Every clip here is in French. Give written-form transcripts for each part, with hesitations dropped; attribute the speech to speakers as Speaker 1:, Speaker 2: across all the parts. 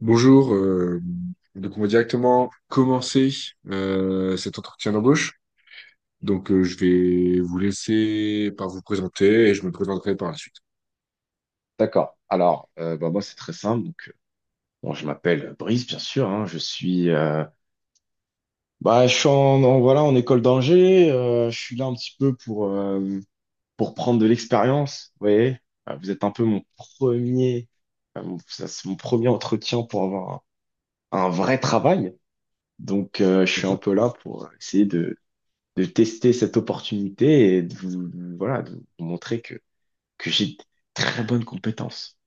Speaker 1: Bonjour, euh, donc on va directement commencer cet entretien d'embauche. Je vais vous laisser par vous présenter et je me présenterai par la suite.
Speaker 2: D'accord. Alors, bah, moi, c'est très simple. Donc, bon, je m'appelle Brice, bien sûr, hein. Je suis, bah, je suis voilà, en école d'ingé. Je suis là un petit peu pour prendre de l'expérience. Vous voyez. Vous êtes un peu mon premier, ça, c'est mon premier entretien pour avoir un vrai travail. Donc, je suis un
Speaker 1: D'accord?
Speaker 2: peu là pour essayer de tester cette opportunité et de vous, voilà, de vous montrer que j'ai de très bonnes compétences.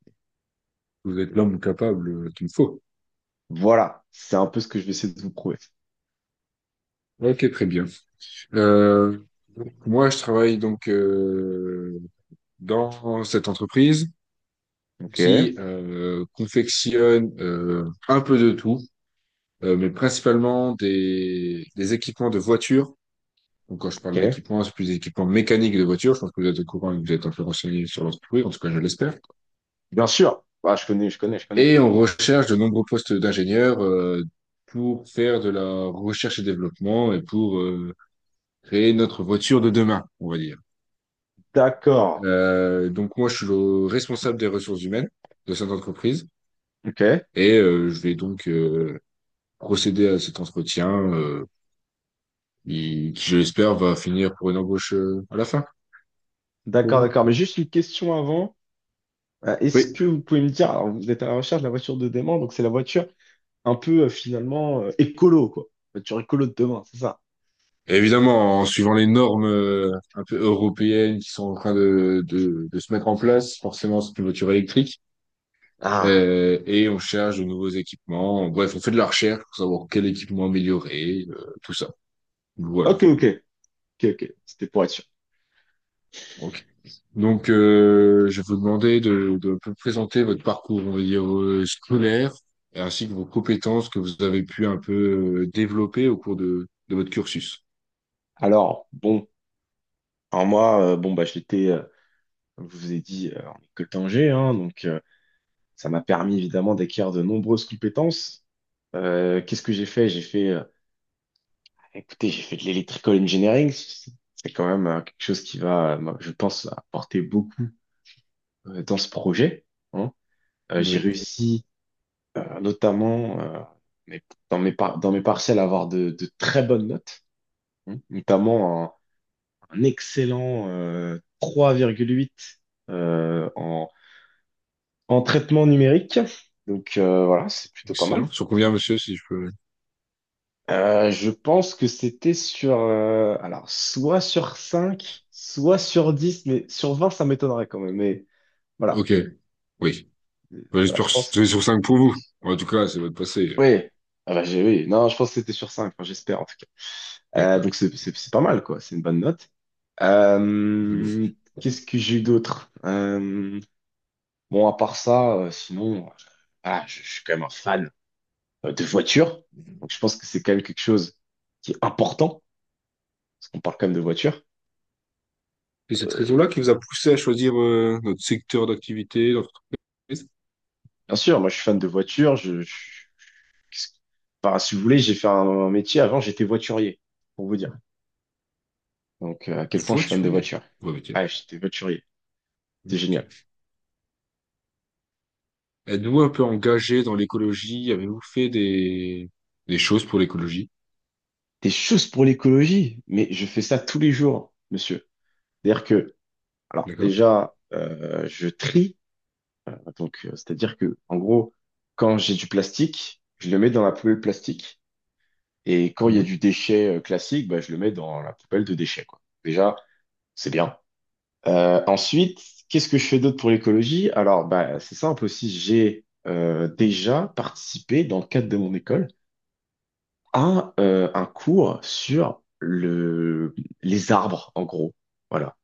Speaker 1: Vous êtes l'homme capable qu'il me faut.
Speaker 2: Voilà, c'est un peu ce que je vais essayer de vous prouver.
Speaker 1: Ok, très bien. Euh, Moi, je travaille dans cette entreprise
Speaker 2: Ok,
Speaker 1: qui confectionne un peu de tout, mais principalement des équipements de voitures. Donc, quand je parle
Speaker 2: ok.
Speaker 1: d'équipement, c'est plus des équipements mécaniques de voiture. Je pense que vous êtes au courant et que vous êtes un peu renseigné sur l'entreprise, en tout cas, je l'espère.
Speaker 2: Bien sûr. Ah, je connais.
Speaker 1: Et on recherche de nombreux postes d'ingénieurs pour faire de la recherche et développement et pour créer notre voiture de demain, on va dire.
Speaker 2: D'accord.
Speaker 1: Moi, je suis le responsable des ressources humaines de cette entreprise
Speaker 2: Ok.
Speaker 1: et je vais procéder à cet entretien euh, qui, je l'espère, va finir pour une embauche à la fin pour
Speaker 2: D'accord,
Speaker 1: vous.
Speaker 2: d'accord. Mais juste une question avant. Est-ce
Speaker 1: Oui.
Speaker 2: que vous pouvez me dire, alors vous êtes à la recherche de la voiture de demain, donc c'est la voiture un peu finalement écolo, quoi. Voiture écolo de demain, c'est ça.
Speaker 1: Et évidemment, en suivant les normes un peu européennes qui sont en train de se mettre en place, forcément, c'est une voiture électrique.
Speaker 2: Ah,
Speaker 1: Et on cherche de nouveaux équipements. Bref, on fait de la recherche pour savoir quel équipement améliorer, tout ça. Voilà.
Speaker 2: ok, ok. C'était pour être sûr.
Speaker 1: Ok. Je vais vous demander de un peu présenter votre parcours, on va dire, scolaire, et ainsi que vos compétences que vous avez pu un peu développer au cours de votre cursus.
Speaker 2: Alors, bon, alors moi, bon, bah, j'étais, comme je vous ai dit, en école d'ingé, hein, donc ça m'a permis évidemment d'acquérir de nombreuses compétences. Qu'est-ce que j'ai fait? J'ai fait écoutez, j'ai fait de l'électrical engineering. C'est quand même quelque chose qui va, moi, je pense, apporter beaucoup dans ce projet, hein. J'ai
Speaker 1: Oui.
Speaker 2: réussi, notamment mes- dans dans mes partiels, à avoir de très bonnes notes, hein. Notamment un excellent 3,8 euh, en, en traitement numérique. Donc voilà, c'est plutôt pas
Speaker 1: Excellent.
Speaker 2: mal.
Speaker 1: Sur combien, monsieur, si je peux...
Speaker 2: Je pense que c'était sur, alors, soit sur 5 soit sur dix, mais sur 20 ça m'étonnerait quand même. Mais voilà.
Speaker 1: Ok. Oui. Bah,
Speaker 2: Voilà,
Speaker 1: j'espère
Speaker 2: je
Speaker 1: que
Speaker 2: pense.
Speaker 1: c'est sur 5 pour vous. En tout cas, ça va te passer.
Speaker 2: Oui, ah bah, oui, non, je pense que c'était sur cinq, enfin, j'espère en tout cas. Donc
Speaker 1: D'accord.
Speaker 2: c'est pas mal, quoi, c'est une bonne note.
Speaker 1: C'est beau.
Speaker 2: Euh, Qu'est-ce que j'ai eu d'autre? Bon, à part ça, sinon, ah, je suis quand même un fan de voiture. Donc je pense que c'est quand même quelque chose qui est important, parce qu'on parle quand même de voiture.
Speaker 1: C'est cette raison-là qui vous a poussé à choisir notre secteur d'activité, d'entreprise.
Speaker 2: Bien sûr, moi je suis fan de voiture. Qu'est-ce- enfin, si vous voulez, j'ai fait un métier. Avant, j'étais voiturier, pour vous dire. Donc, à
Speaker 1: Le
Speaker 2: quel point je suis fan de
Speaker 1: voiturier.
Speaker 2: voiture.
Speaker 1: Ouais, ok.
Speaker 2: Ah, j'étais voiturier. C'est génial.
Speaker 1: Ok. Êtes-vous un peu engagé dans l'écologie? Avez-vous fait des choses pour l'écologie?
Speaker 2: Des choses pour l'écologie, mais je fais ça tous les jours, monsieur. C'est-à-dire que, alors
Speaker 1: D'accord?
Speaker 2: déjà, je trie. Donc, c'est-à-dire que, en gros, quand j'ai du plastique, je le mets dans la poubelle plastique. Et quand il y a
Speaker 1: Mhm.
Speaker 2: du déchet classique, bah, je le mets dans la poubelle de déchets, quoi. Déjà, c'est bien. Ensuite, qu'est-ce que je fais d'autre pour l'écologie? Alors, bah, c'est simple aussi, j'ai déjà participé dans le cadre de mon école à un cours sur les arbres, en gros. Voilà.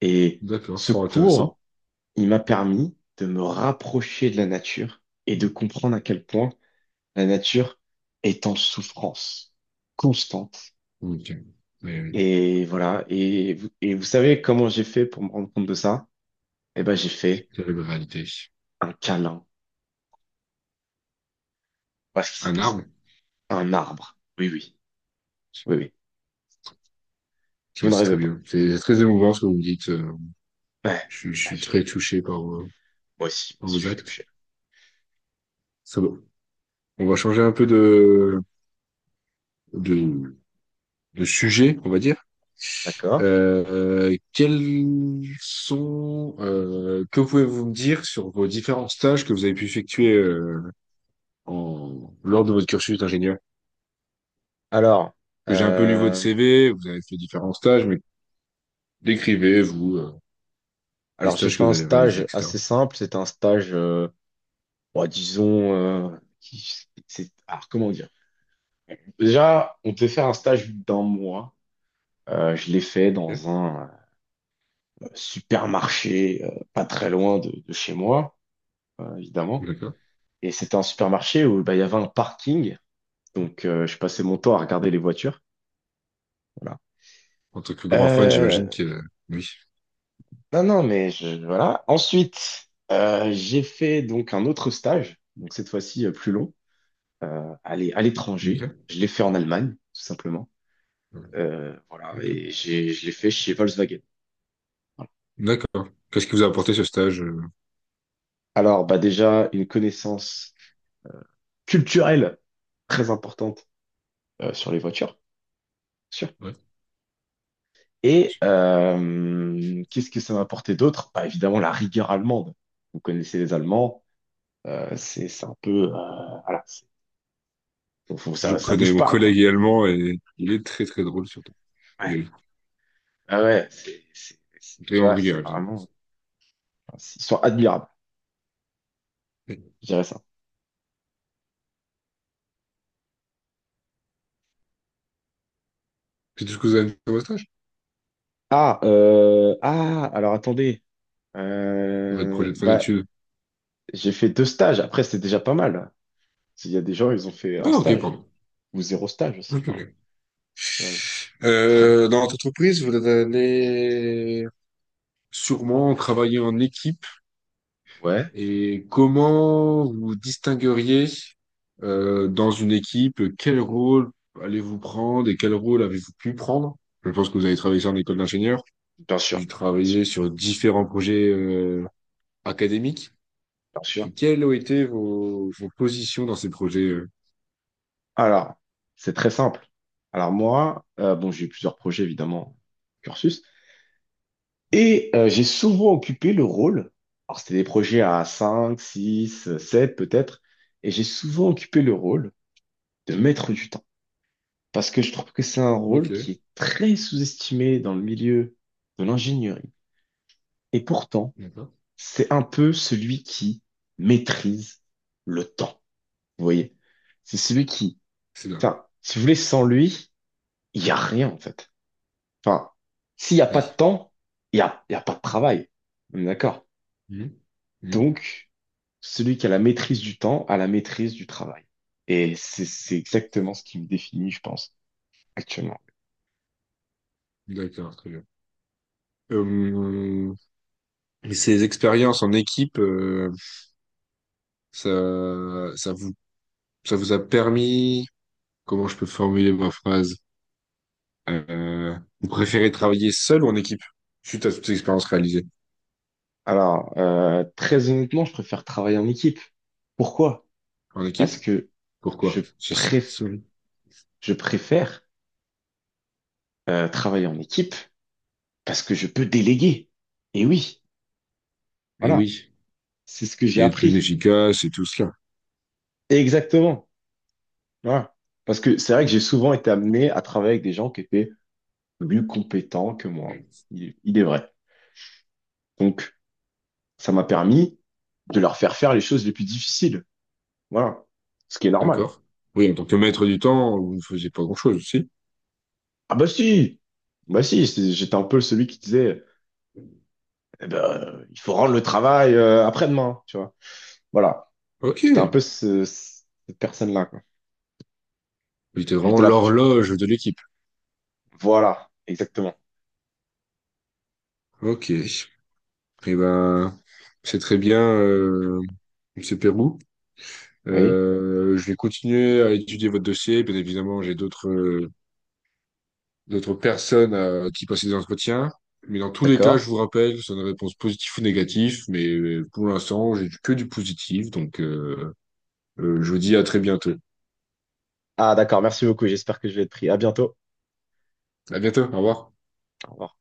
Speaker 2: Et
Speaker 1: D'accord,
Speaker 2: ce
Speaker 1: fort intéressant.
Speaker 2: cours, il m'a permis de me rapprocher de la nature et de comprendre à quel point la nature est en souffrance constante.
Speaker 1: Ok. Mais oui,
Speaker 2: Et voilà. Et vous savez comment j'ai fait pour me rendre compte de ça? Eh ben, j'ai fait
Speaker 1: terrible réalité.
Speaker 2: un câlin. Voilà ce qui s'est
Speaker 1: Un
Speaker 2: passé.
Speaker 1: arbre? Ok,
Speaker 2: Un arbre. Oui, oui. Vous ne
Speaker 1: c'est
Speaker 2: rêvez
Speaker 1: très
Speaker 2: pas.
Speaker 1: bien. C'est très émouvant ce que vous me dites.
Speaker 2: Ouais.
Speaker 1: Je
Speaker 2: Ah,
Speaker 1: suis
Speaker 2: je-
Speaker 1: très touché par,
Speaker 2: moi aussi, moi
Speaker 1: par
Speaker 2: aussi,
Speaker 1: vos
Speaker 2: je suis
Speaker 1: actes.
Speaker 2: touché.
Speaker 1: Ça va. On va changer un peu de, de sujets, on va dire.
Speaker 2: D'accord.
Speaker 1: Quels sont, que pouvez-vous me dire sur vos différents stages que vous avez pu effectuer lors de votre cursus d'ingénieur?
Speaker 2: Alors,
Speaker 1: Parce que j'ai un peu lu votre
Speaker 2: euh,
Speaker 1: CV, vous avez fait différents stages, mais décrivez, vous, les
Speaker 2: alors j'ai
Speaker 1: stages
Speaker 2: fait
Speaker 1: que vous
Speaker 2: un
Speaker 1: avez réalisés,
Speaker 2: stage
Speaker 1: etc.
Speaker 2: assez simple. C'était un stage, bon, disons, c'est, alors comment dire? Déjà, on devait faire un stage d'un mois. Je l'ai fait
Speaker 1: Ok,
Speaker 2: dans un supermarché, pas très loin de chez moi, évidemment.
Speaker 1: d'accord.
Speaker 2: Et c'était un supermarché où bah, il y avait un parking. Donc, je passais mon temps à regarder les voitures. Voilà.
Speaker 1: En tant que grand fan, j'imagine
Speaker 2: Euh,
Speaker 1: que oui.
Speaker 2: non, non, mais je, voilà. Ensuite, j'ai fait donc un autre stage, donc cette fois-ci plus long, à l'étranger.
Speaker 1: Ok.
Speaker 2: Je l'ai fait en Allemagne, tout simplement.
Speaker 1: Ouais,
Speaker 2: Voilà,
Speaker 1: ok.
Speaker 2: et je l'ai fait chez Volkswagen. Voilà.
Speaker 1: D'accord. Qu'est-ce qui vous a apporté ce stage?
Speaker 2: Alors, bah déjà, une connaissance culturelle très importante sur les voitures, bien sûr.
Speaker 1: Ouais.
Speaker 2: Et qu'est-ce que ça m'a apporté d'autre? Bah, évidemment, la rigueur allemande. Vous connaissez les Allemands, c'est un peu… voilà,
Speaker 1: Je
Speaker 2: ça, ça
Speaker 1: connais
Speaker 2: bouge
Speaker 1: mon
Speaker 2: pas, quoi.
Speaker 1: collègue également et il est très très drôle surtout.
Speaker 2: Ouais,
Speaker 1: Et,
Speaker 2: ah ouais,
Speaker 1: et
Speaker 2: tu
Speaker 1: on
Speaker 2: vois, c'est
Speaker 1: rigole.
Speaker 2: vraiment, ils sont admirables,
Speaker 1: C'est
Speaker 2: je dirais ça.
Speaker 1: c'est tout ce que vous avez fait dans stage?
Speaker 2: Ah, alors attendez,
Speaker 1: Votre projet de fin
Speaker 2: bah,
Speaker 1: d'études?
Speaker 2: j'ai fait deux stages. Après, c'est déjà pas mal. Il y a des gens, ils ont fait un
Speaker 1: Ah, ok,
Speaker 2: stage
Speaker 1: pardon.
Speaker 2: ou zéro stage aussi.
Speaker 1: Ok,
Speaker 2: Enfin,
Speaker 1: ok.
Speaker 2: tu vois, je- ah oui.
Speaker 1: Dans votre entreprise, vous allez sûrement travailler en équipe.
Speaker 2: Ouais,
Speaker 1: Et comment vous distingueriez dans une équipe, quel rôle allez-vous prendre et quel rôle avez-vous pu prendre? Je pense que vous avez travaillé ça en école d'ingénieur,
Speaker 2: bien sûr,
Speaker 1: vous travaillez sur différents projets académiques.
Speaker 2: bien sûr.
Speaker 1: Et quelles ont été vos, vos positions dans ces projets?
Speaker 2: Alors, c'est très simple. Alors moi, bon, j'ai eu plusieurs projets évidemment, cursus. Et j'ai souvent occupé le rôle, alors c'était des projets à 5, 6, 7 peut-être, et j'ai souvent occupé le rôle de maître du temps. Parce que je trouve que c'est un
Speaker 1: Ok,
Speaker 2: rôle qui est très sous-estimé dans le milieu de l'ingénierie. Et pourtant,
Speaker 1: d'accord.
Speaker 2: c'est un peu celui qui maîtrise le temps. Vous voyez? C'est celui qui,
Speaker 1: C'est bien.
Speaker 2: enfin, si vous voulez, sans lui, il n'y a rien en fait. Enfin, s'il n'y a pas de
Speaker 1: Oui.
Speaker 2: temps, il y a pas de travail. On est d'accord?
Speaker 1: Mhm. Mhm.
Speaker 2: Donc, celui qui a la maîtrise du temps a la maîtrise du travail. Et c'est exactement ce qui me définit, je pense, actuellement.
Speaker 1: D'accord, très bien. Euh, et ces expériences en équipe, ça, ça vous a permis, comment je peux formuler ma phrase? Vous préférez travailler seul ou en équipe? Suite à toutes ces expériences réalisées.
Speaker 2: Alors, très honnêtement, je préfère travailler en équipe. Pourquoi?
Speaker 1: En équipe?
Speaker 2: Parce que je
Speaker 1: Pourquoi?
Speaker 2: préf- je préfère travailler en équipe parce que je peux déléguer. Et oui,
Speaker 1: Et
Speaker 2: voilà,
Speaker 1: oui.
Speaker 2: c'est ce que j'ai
Speaker 1: Et être plus
Speaker 2: appris.
Speaker 1: efficace et tout cela.
Speaker 2: Exactement. Voilà. Parce que c'est vrai que j'ai souvent été amené à travailler avec des gens qui étaient plus compétents que moi. Il est vrai. Donc, ça m'a permis de leur faire faire les choses les plus difficiles. Voilà. Ce qui est normal.
Speaker 1: D'accord? Oui, en tant que maître du temps, vous ne faisiez pas grand-chose aussi.
Speaker 2: Ah bah si! J'étais un peu celui qui disait, eh ben, il faut rendre le travail après-demain, tu vois. Voilà.
Speaker 1: Ok.
Speaker 2: J'étais un peu cette personne-là, quoi.
Speaker 1: Vous étiez vraiment
Speaker 2: J'étais la pression.
Speaker 1: l'horloge de l'équipe.
Speaker 2: Voilà, exactement.
Speaker 1: Ok. Et ben, c'est très bien, Monsieur Pérou.
Speaker 2: Oui,
Speaker 1: Je vais continuer à étudier votre dossier. Bien évidemment, j'ai d'autres d'autres personnes à qui passer des entretiens. Mais dans tous les cas, je
Speaker 2: d'accord.
Speaker 1: vous rappelle, c'est une réponse positive ou négative. Mais pour l'instant, j'ai que du positif. Je vous dis à très bientôt.
Speaker 2: Ah d'accord, merci beaucoup. J'espère que je vais être pris. À bientôt.
Speaker 1: À bientôt. Au revoir.
Speaker 2: Au revoir.